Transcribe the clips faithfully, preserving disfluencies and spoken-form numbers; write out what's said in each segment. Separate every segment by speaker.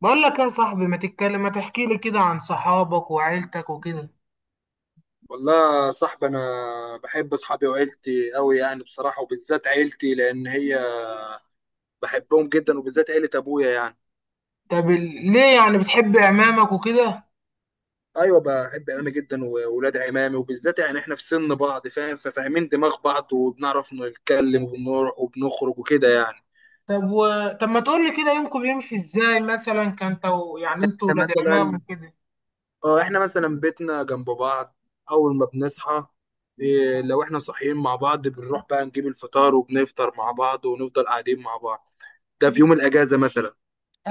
Speaker 1: بقول لك يا صاحبي، ما تتكلم، ما تحكي لي كده عن صحابك وعيلتك وكده؟
Speaker 2: والله يا صاحبي انا بحب اصحابي وعيلتي قوي يعني بصراحه، وبالذات عيلتي لان هي بحبهم جدا، وبالذات عيله ابويا يعني
Speaker 1: طب ال- ليه يعني بتحب عمامك وكده؟
Speaker 2: ايوه بحب عمامي جدا واولاد عمامي، وبالذات يعني احنا في سن بعض فاهم، ففاهمين دماغ بعض وبنعرف نتكلم وبنروح وبنخرج وكده يعني.
Speaker 1: طب و... طب ما تقول لي كده، يومكم بيمشي ازاي؟ مثلا كان تو... يعني انتوا
Speaker 2: احنا
Speaker 1: ولاد عمام
Speaker 2: مثلا
Speaker 1: وكده.
Speaker 2: اه احنا مثلا بيتنا جنب بعض. اول ما بنصحى، إيه، لو احنا صاحيين مع بعض بنروح بقى نجيب الفطار وبنفطر مع بعض، ونفضل قاعدين مع بعض. ده في يوم الاجازه مثلا.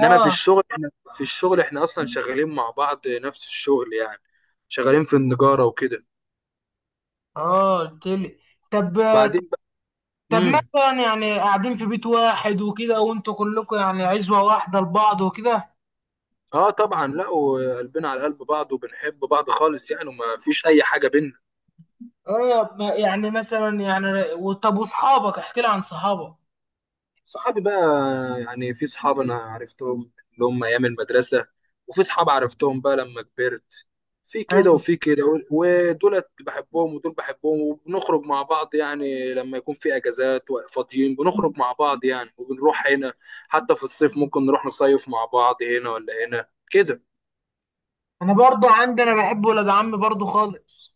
Speaker 2: انما في الشغل احنا، في الشغل احنا اصلا شغالين مع بعض نفس الشغل يعني، شغالين في النجارة وكده.
Speaker 1: اه قلت لي. طب.
Speaker 2: وبعدين بقى
Speaker 1: طب
Speaker 2: امم
Speaker 1: مثلا يعني قاعدين في بيت واحد وكده، وانتوا كلكم يعني عزوة واحدة لبعض وكده.
Speaker 2: اه طبعا، لا وقلبنا على قلب بعض وبنحب بعض خالص يعني، وما فيش اي حاجة بينا.
Speaker 1: اه ما- يعني مثلا يعني و- طب واصحابك، احكي لي عن صحابك.
Speaker 2: صحابي بقى، يعني في صحاب انا عرفتهم اللي هم ايام المدرسه، وفي صحاب عرفتهم بقى لما كبرت. في كده
Speaker 1: ايوه.
Speaker 2: وفي كده و- ودولت بحبهم ودول بحبهم، وبنخرج مع بعض يعني لما يكون في اجازات وفاضيين بنخرج مع بعض يعني، وبنروح هنا. حتى في الصيف ممكن نروح نصيف مع بعض هنا ولا هنا كده.
Speaker 1: انا برضو عندي، انا بحب ولاد عمي برضو خالص.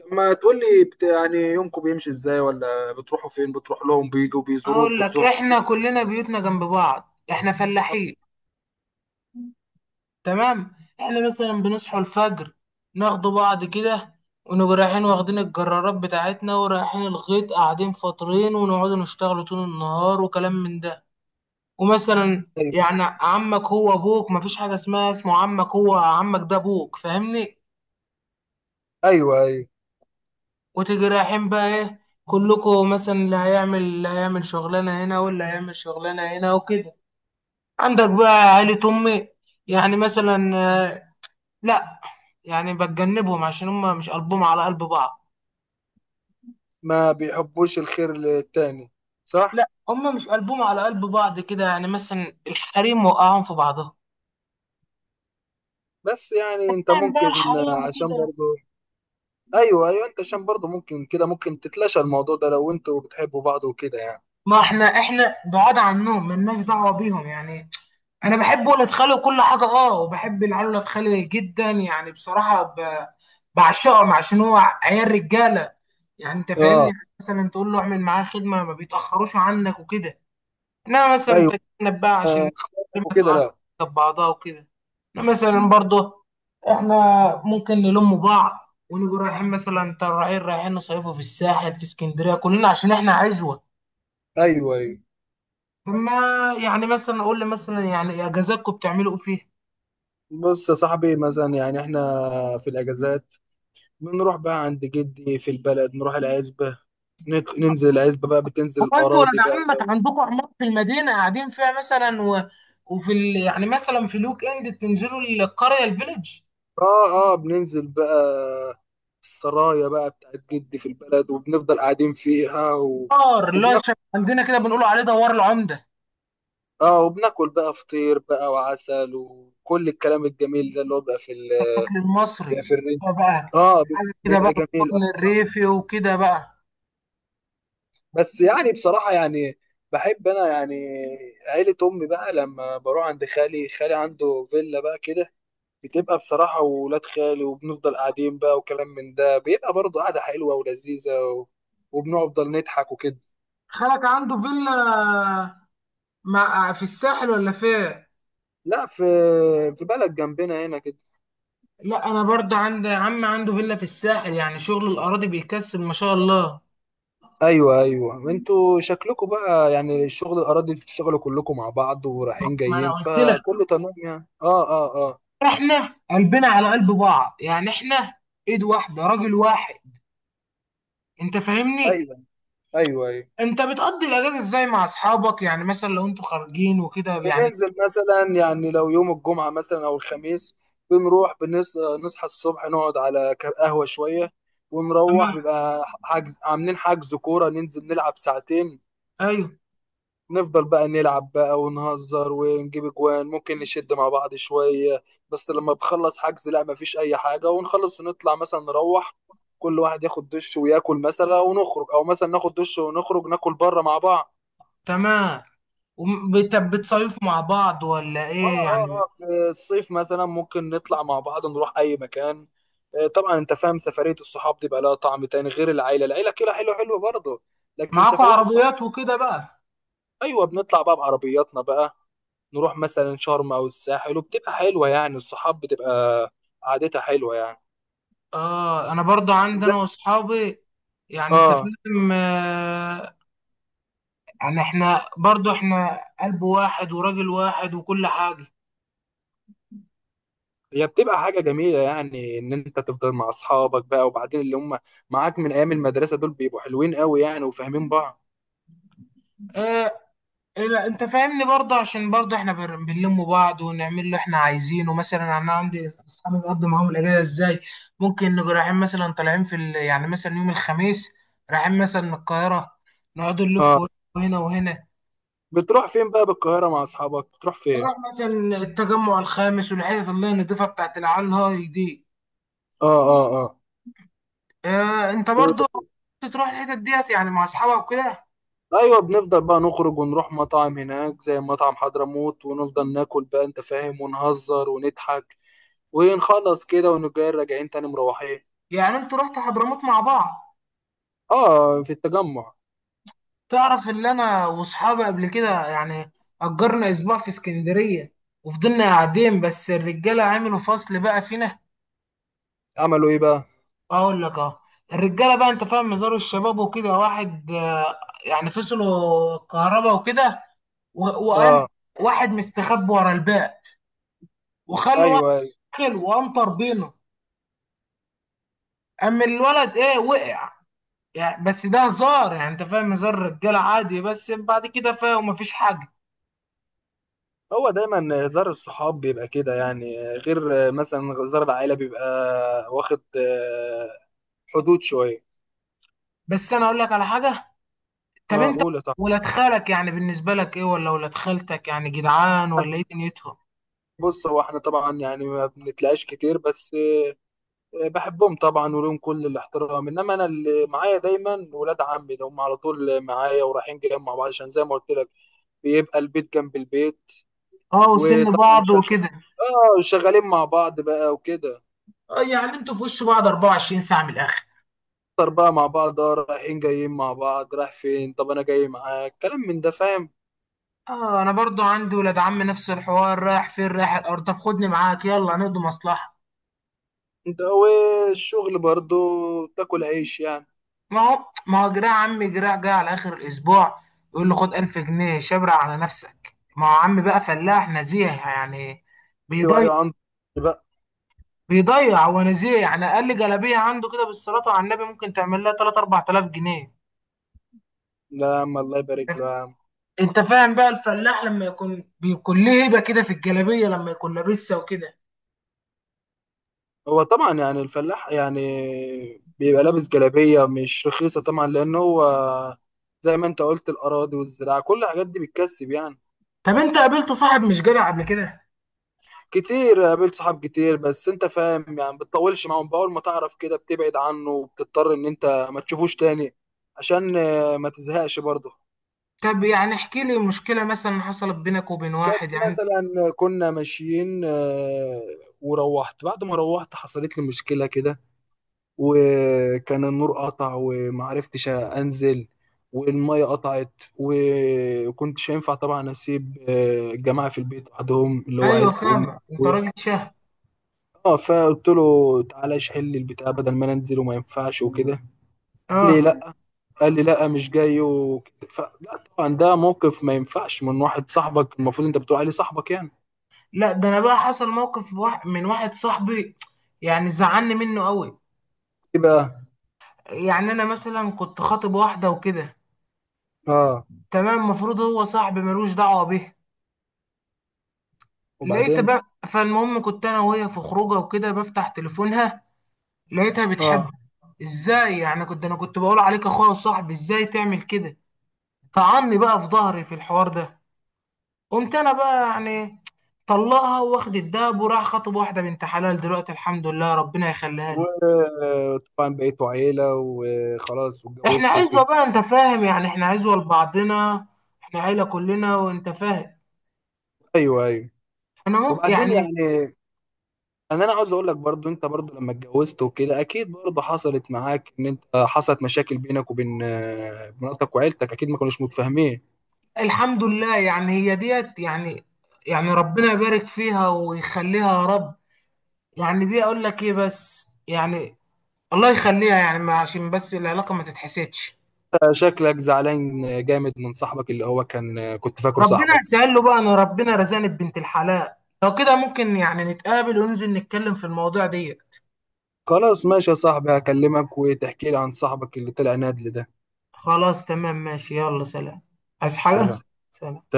Speaker 2: طب ما تقول لي بت... يعني يومكم بيمشي ازاي، ولا بتروحوا فين، بتروح لهم، بيجوا
Speaker 1: هقول
Speaker 2: بيزوروك،
Speaker 1: لك،
Speaker 2: بتزورهم
Speaker 1: احنا
Speaker 2: كده؟
Speaker 1: كلنا بيوتنا جنب بعض، احنا فلاحين. تمام. احنا مثلا بنصحوا الفجر، ناخدوا بعض كده، ونبقى رايحين واخدين الجرارات بتاعتنا ورايحين الغيط، قاعدين فاطرين، ونقعدوا نشتغلوا طول النهار وكلام من ده. ومثلا يعني عمك هو ابوك، مفيش حاجه اسمها اسمه عمك، هو عمك ده ابوك، فاهمني؟
Speaker 2: ايوه، ايوه،
Speaker 1: وتيجي رايحين بقى ايه، كلكم مثلا اللي هيعمل اللي هيعمل شغلانه هنا، واللي هيعمل شغلانه هنا وكده. عندك بقى عيلة أمي، يعني مثلا آه، لا، يعني بتجنبهم عشان هم مش قلبهم على قلب بعض.
Speaker 2: ما بيحبوش الخير للتاني. صح.
Speaker 1: لا، هم مش قلبهم على قلب بعض كده، يعني مثلا الحريم وقعهم في بعضهم.
Speaker 2: بس يعني انت
Speaker 1: يعني بقى
Speaker 2: ممكن آه،
Speaker 1: الحريم
Speaker 2: عشان
Speaker 1: وكده.
Speaker 2: برضو، ايوه ايوه انت عشان برضو ممكن كده، ممكن تتلاشى الموضوع ده لو انتوا بتحبوا بعض وكده يعني.
Speaker 1: ما احنا، احنا بعاد عنهم، ملناش دعوة بيهم يعني. انا بحب ولاد خالي وكل حاجة، اه، وبحب العيال ولاد خالي جدا يعني، بصراحة ب... بعشقهم، عشان هو عيال رجالة. يعني انت فاهمني،
Speaker 2: اه.
Speaker 1: يعني مثلا تقول له اعمل معاه خدمة، ما بيتأخروش عنك وكده. انما مثلا
Speaker 2: ايوه.
Speaker 1: تتجنب بقى،
Speaker 2: آه،
Speaker 1: عشان
Speaker 2: اخواتك
Speaker 1: ما
Speaker 2: وكده
Speaker 1: تقعش
Speaker 2: لا.
Speaker 1: جنب بعضها وكده. إنما مثلا برضه احنا ممكن نلم بعض، ونيجي رايحين مثلا، ترى رايحين رايحين نصيفوا في الساحل في اسكندريه كلنا، عشان احنا عزوه.
Speaker 2: ايوه ايوه.
Speaker 1: فما، يعني مثلا اقول لي مثلا، يعني اجازاتكم بتعملوا ايه فيها؟
Speaker 2: بص يا صاحبي، مثلا يعني احنا في الاجازات بنروح بقى عند جدي في البلد، نروح العزبة، نت- ننزل العزبة بقى، بتنزل
Speaker 1: هو انتوا ولاد
Speaker 2: الأراضي بقى.
Speaker 1: عمك عندكم عمارة في المدينه قاعدين فيها مثلا، و... وفي ال... يعني مثلا في الويك اند بتنزلوا القريه، الفيلج،
Speaker 2: اه اه، بننزل بقى السرايا بقى بتاعت جدي في البلد، وبنفضل قاعدين فيها و...
Speaker 1: دار اللي هو
Speaker 2: وبناكل،
Speaker 1: شبه عندنا كده، بنقولوا عليه دوار العمده.
Speaker 2: اه وبناكل بقى فطير بقى وعسل وكل الكلام الجميل ده، اللي هو بقى في ال...
Speaker 1: الاكل
Speaker 2: بيبقى في
Speaker 1: المصري
Speaker 2: الرين.
Speaker 1: هو بقى،
Speaker 2: اه، بي-
Speaker 1: حاجه كده بقى،
Speaker 2: بيبقى جميل أوي،
Speaker 1: القطن
Speaker 2: صح.
Speaker 1: الريفي وكده بقى.
Speaker 2: بس يعني بصراحة يعني، بحب انا يعني عيلة امي بقى، لما بروح عند خالي، خالي عنده فيلا بقى كده، بتبقى بصراحة، وولاد خالي وبنفضل قاعدين بقى وكلام من ده، بيبقى برضه قعدة حلوة ولذيذة و... وبنفضل نضحك وكده.
Speaker 1: خالك عنده فيلا مع في الساحل ولا فين؟
Speaker 2: لا، في، في بلد جنبنا هنا كده.
Speaker 1: لا، انا برضه عندي عم عنده فيلا في الساحل، يعني شغل الاراضي بيكسب، ما شاء الله.
Speaker 2: ايوه ايوه، انتوا شكلكم بقى يعني الشغل الاراضي بتشتغلوا كلكم مع بعض، ورايحين
Speaker 1: ما انا
Speaker 2: جايين،
Speaker 1: قلت لك،
Speaker 2: فكله تمام يعني، اه اه اه.
Speaker 1: احنا قلبنا على قلب بعض يعني، احنا ايد واحده راجل واحد، انت فاهمني؟
Speaker 2: ايوه، ايوه ايوه
Speaker 1: انت بتقضي الاجازه ازاي مع اصحابك؟ يعني مثلا لو انتوا خارجين وكده يعني.
Speaker 2: بننزل مثلا، يعني لو يوم الجمعه مثلا او الخميس، بنروح بنص... نصحى الصبح، نقعد على ك- قهوه شويه، ونروح
Speaker 1: تمام.
Speaker 2: بيبقى حجز، عاملين حجز كوره، ننزل نلعب ساعتين.
Speaker 1: ايوه.
Speaker 2: نفضل بقى نلعب بقى ونهزر ونجيب اجوان، ممكن نشد مع بعض شوية. بس لما بخلص حجز، لا مفيش اي حاجة، ونخلص ونطلع مثلا نروح، كل واحد ياخد دش وياكل مثلا ونخرج، او مثلا ناخد دش ونخرج ناكل بره مع بعض.
Speaker 1: تمام. وبتصيفوا مع بعض ولا
Speaker 2: اه
Speaker 1: ايه
Speaker 2: اه
Speaker 1: يعني؟
Speaker 2: اه، في الصيف مثلا ممكن نطلع مع بعض نروح اي مكان. آه، طبعا انت فاهم، سفرية الصحاب دي بقى لها طعم تاني غير العيلة. العيلة كده حلوة حلوة برضه، لكن
Speaker 1: معاكوا
Speaker 2: سفرية الصحاب.
Speaker 1: عربيات وكده بقى.
Speaker 2: ايوه بنطلع بقى بعربياتنا بقى، نروح مثلا شرم او الساحل، وبتبقى حلوه يعني الصحاب، بتبقى قعدتها حلوه يعني.
Speaker 1: اه انا برضو عندي، انا
Speaker 2: بالذات.
Speaker 1: واصحابي، يعني انت
Speaker 2: اه،
Speaker 1: فاهم آه، يعني احنا برضو، احنا قلب واحد وراجل واحد وكل حاجة.
Speaker 2: هي بتبقى حاجه جميله، يعني ان انت تفضل مع اصحابك بقى، وبعدين اللي هم معاك من ايام المدرسه دول بيبقوا حلوين قوي يعني، وفاهمين بعض.
Speaker 1: ايه. إيه، لا انت فاهمني برضو، عشان برضو احنا بن- بنلم بعض ونعمل اللي احنا عايزينه. مثلا انا عندي اصحابي بقضي معاهم الاجازة ازاي. ممكن نبقى رايحين مثلا، طالعين في ال... يعني مثلا يوم الخميس، رايحين مثلا القاهرة، نقعد
Speaker 2: اه.
Speaker 1: نلف هنا وهنا.
Speaker 2: بتروح فين بقى بالقاهره مع اصحابك، بتروح فين؟
Speaker 1: بروح مثلا التجمع الخامس، والحتت اللي هي النضيفة بتاعت العيال هاي دي.
Speaker 2: اه اه اه.
Speaker 1: آه انت برضو
Speaker 2: و-
Speaker 1: كنت تروح الحتت ديت يعني مع اصحابك وكده.
Speaker 2: ايوه بنفضل بقى نخرج ونروح مطاعم هناك زي مطعم حضرموت، ونفضل ناكل بقى انت فاهم، ونهزر ونضحك ونخلص كده، ونجي راجعين تاني مروحين.
Speaker 1: يعني انتوا رحتوا حضرموت مع بعض؟
Speaker 2: اه في التجمع.
Speaker 1: تعرف اللي انا واصحابي قبل كده يعني، اجرنا اسبوع في اسكندرية، وفضلنا قاعدين، بس الرجالة عملوا فصل بقى فينا.
Speaker 2: عملوا ايه بقى؟
Speaker 1: اقول لك، اه الرجالة بقى انت فاهم، مزار الشباب وكده، واحد آه، يعني فصلوا الكهرباء وكده، و- وقام
Speaker 2: اه.
Speaker 1: واحد مستخبي ورا الباقي، وخلوا واحد
Speaker 2: ايوه ايوه،
Speaker 1: داخل، وقام طربينه. اما الولد ايه وقع. يعني بس ده هزار يعني، انت فاهم، هزار رجاله عادي، بس بعد كده فاهم مفيش حاجه.
Speaker 2: هو دايما هزار الصحاب بيبقى كده يعني، غير مثلا هزار العائله بيبقى واخد آه، حدود شويه.
Speaker 1: بس انا اقول لك على حاجه. طب
Speaker 2: اه
Speaker 1: انت
Speaker 2: قول طبعا.
Speaker 1: ولاد خالك يعني بالنسبه لك ايه، ولا ولاد خالتك يعني؟ جدعان ولا ايه دنيتهم؟
Speaker 2: بص، هو احنا طبعا يعني ما بنتلاقاش كتير، بس آه، بحبهم طبعا ولهم كل الاحترام، انما انا اللي معايا دايما ولاد عمي، ده هم على طول معايا ورايحين جايين مع بعض، عشان زي ما قلت لك بيبقى البيت جنب البيت.
Speaker 1: اه وسن
Speaker 2: وطبعا
Speaker 1: بعض
Speaker 2: شغ...
Speaker 1: وكده.
Speaker 2: اه شغالين مع بعض بقى وكده.
Speaker 1: اه يعني انتوا في وش بعض أربعة وعشرين ساعه، من الاخر.
Speaker 2: نفطر بقى مع بعض اه، رايحين جايين مع بعض، رايح فين، طب انا جاي معاك، كلام من ده فاهم.
Speaker 1: اه انا برضو عندي ولاد عم نفس الحوار، رايح فين؟ رايح الارض، طب خدني معاك، يلا نقضي مصلحه.
Speaker 2: انت والشغل برضو تاكل عيش يعني.
Speaker 1: ما هو ما هو جراع عمي، جراع جاي على اخر الاسبوع يقول له خد ألف جنيه شبرق على نفسك. ما هو عمي بقى فلاح نزيه يعني،
Speaker 2: ايوه
Speaker 1: بيضيع.
Speaker 2: ايوه، عنده بقى.
Speaker 1: بيضيع هو نزيه يعني، اقل جلابيه عنده كده، بالصلاه على النبي ممكن تعمل لها تلاتة أربعة آلاف جنيه.
Speaker 2: لا يا عم الله يبارك له يا عم.
Speaker 1: انت فاهم بقى، الفلاح لما يكون بيكون ليه هيبه كده في الجلابيه لما يكون لابسها وكده.
Speaker 2: هو طبعا يعني الفلاح يعني بيبقى لابس جلابية مش رخيصة طبعا، لأن هو زي ما انت قلت، الأراضي والزراعة كل الحاجات دي بتكسب يعني.
Speaker 1: طب انت قابلت صاحب مش جدع قبل كده؟
Speaker 2: كتير، قابلت صحاب كتير، بس انت فاهم يعني بتطولش معاهم، بأول ما تعرف كده بتبعد عنه وبتضطر ان انت ما تشوفوش تاني، عشان آه، ما تزهقش برضه.
Speaker 1: طب يعني احكي لي مشكله مثلا حصلت بينك وبين
Speaker 2: كانت
Speaker 1: واحد يعني.
Speaker 2: مثلا كنا ماشيين آه، وروحت، بعد ما روحت حصلت لي مشكلة كده، وكان النور قطع ومعرفتش انزل، والمية قطعت، وكنتش هينفع طبعا اسيب آه، الجماعة في البيت وحدهم اللي هو
Speaker 1: ايوه
Speaker 2: عيلة امي.
Speaker 1: فاهمك، انت راجل شهم.
Speaker 2: اه، فقلت له تعالى اشحن لي البتاع بدل ما انا انزل وما ينفعش وكده. قال لي
Speaker 1: اه.
Speaker 2: لا. قال لي لا مش جاي وكده ف... لا طبعا ده موقف ما ينفعش من واحد صاحبك، المفروض انت بتقول عليه صاحبك يعني.
Speaker 1: لا ده انا بقى حصل موقف واحد من واحد صاحبي، يعني زعلني منه قوي.
Speaker 2: ايه بقى.
Speaker 1: يعني انا مثلا كنت خاطب واحده وكده.
Speaker 2: اه.
Speaker 1: تمام، المفروض هو صاحبي ملوش دعوه بيها. لقيت
Speaker 2: وبعدين.
Speaker 1: بقى، فالمهم كنت انا وهي في خروجه وكده، بفتح تليفونها، لقيتها
Speaker 2: اه.
Speaker 1: بتحبه. ازاي يعني، كنت انا كنت بقول عليك اخويا وصاحبي، ازاي تعمل كده؟ طعني بقى في ظهري في الحوار ده. قمت انا بقى يعني طلعها واخد الدهب، وراح خاطب واحده بنت حلال دلوقتي، الحمد لله، ربنا يخليها لي.
Speaker 2: وطبعا بقيتوا عيلة وخلاص
Speaker 1: احنا
Speaker 2: واتجوزت
Speaker 1: عزوة
Speaker 2: وكده.
Speaker 1: بقى، انت فاهم، يعني احنا عزوة لبعضنا، احنا عيلة كلنا وانت فاهم.
Speaker 2: ايوه ايوه.
Speaker 1: انا مو-
Speaker 2: وبعدين
Speaker 1: يعني
Speaker 2: يعني، انا انا عاوز اقول لك برضو، انت برضو لما اتجوزت وكده اكيد برضو حصلت معاك ان انت حصلت مشاكل بينك وبين آه، مراتك وعيلتك، اكيد ما كانوش متفاهمين.
Speaker 1: الحمد لله يعني، هي ديت يعني، يعني ربنا يبارك فيها ويخليها يا رب. يعني دي اقول لك ايه بس يعني، الله يخليها يعني ما- عشان بس العلاقة ما تتحسدش.
Speaker 2: شكلك زعلان جامد من صاحبك اللي هو كان، كنت فاكره
Speaker 1: ربنا
Speaker 2: صاحبك.
Speaker 1: يسهل له بقى، انا ربنا رزقني ببنت الحلال. لو كده ممكن يعني نتقابل وننزل نتكلم في المواضيع دي.
Speaker 2: خلاص ماشي يا صاحبي، هكلمك وتحكي لي عن صاحبك اللي طلع نادل ده.
Speaker 1: خلاص تمام ماشي، يلا سلام. عايز حاجة؟
Speaker 2: سلام.
Speaker 1: سلام.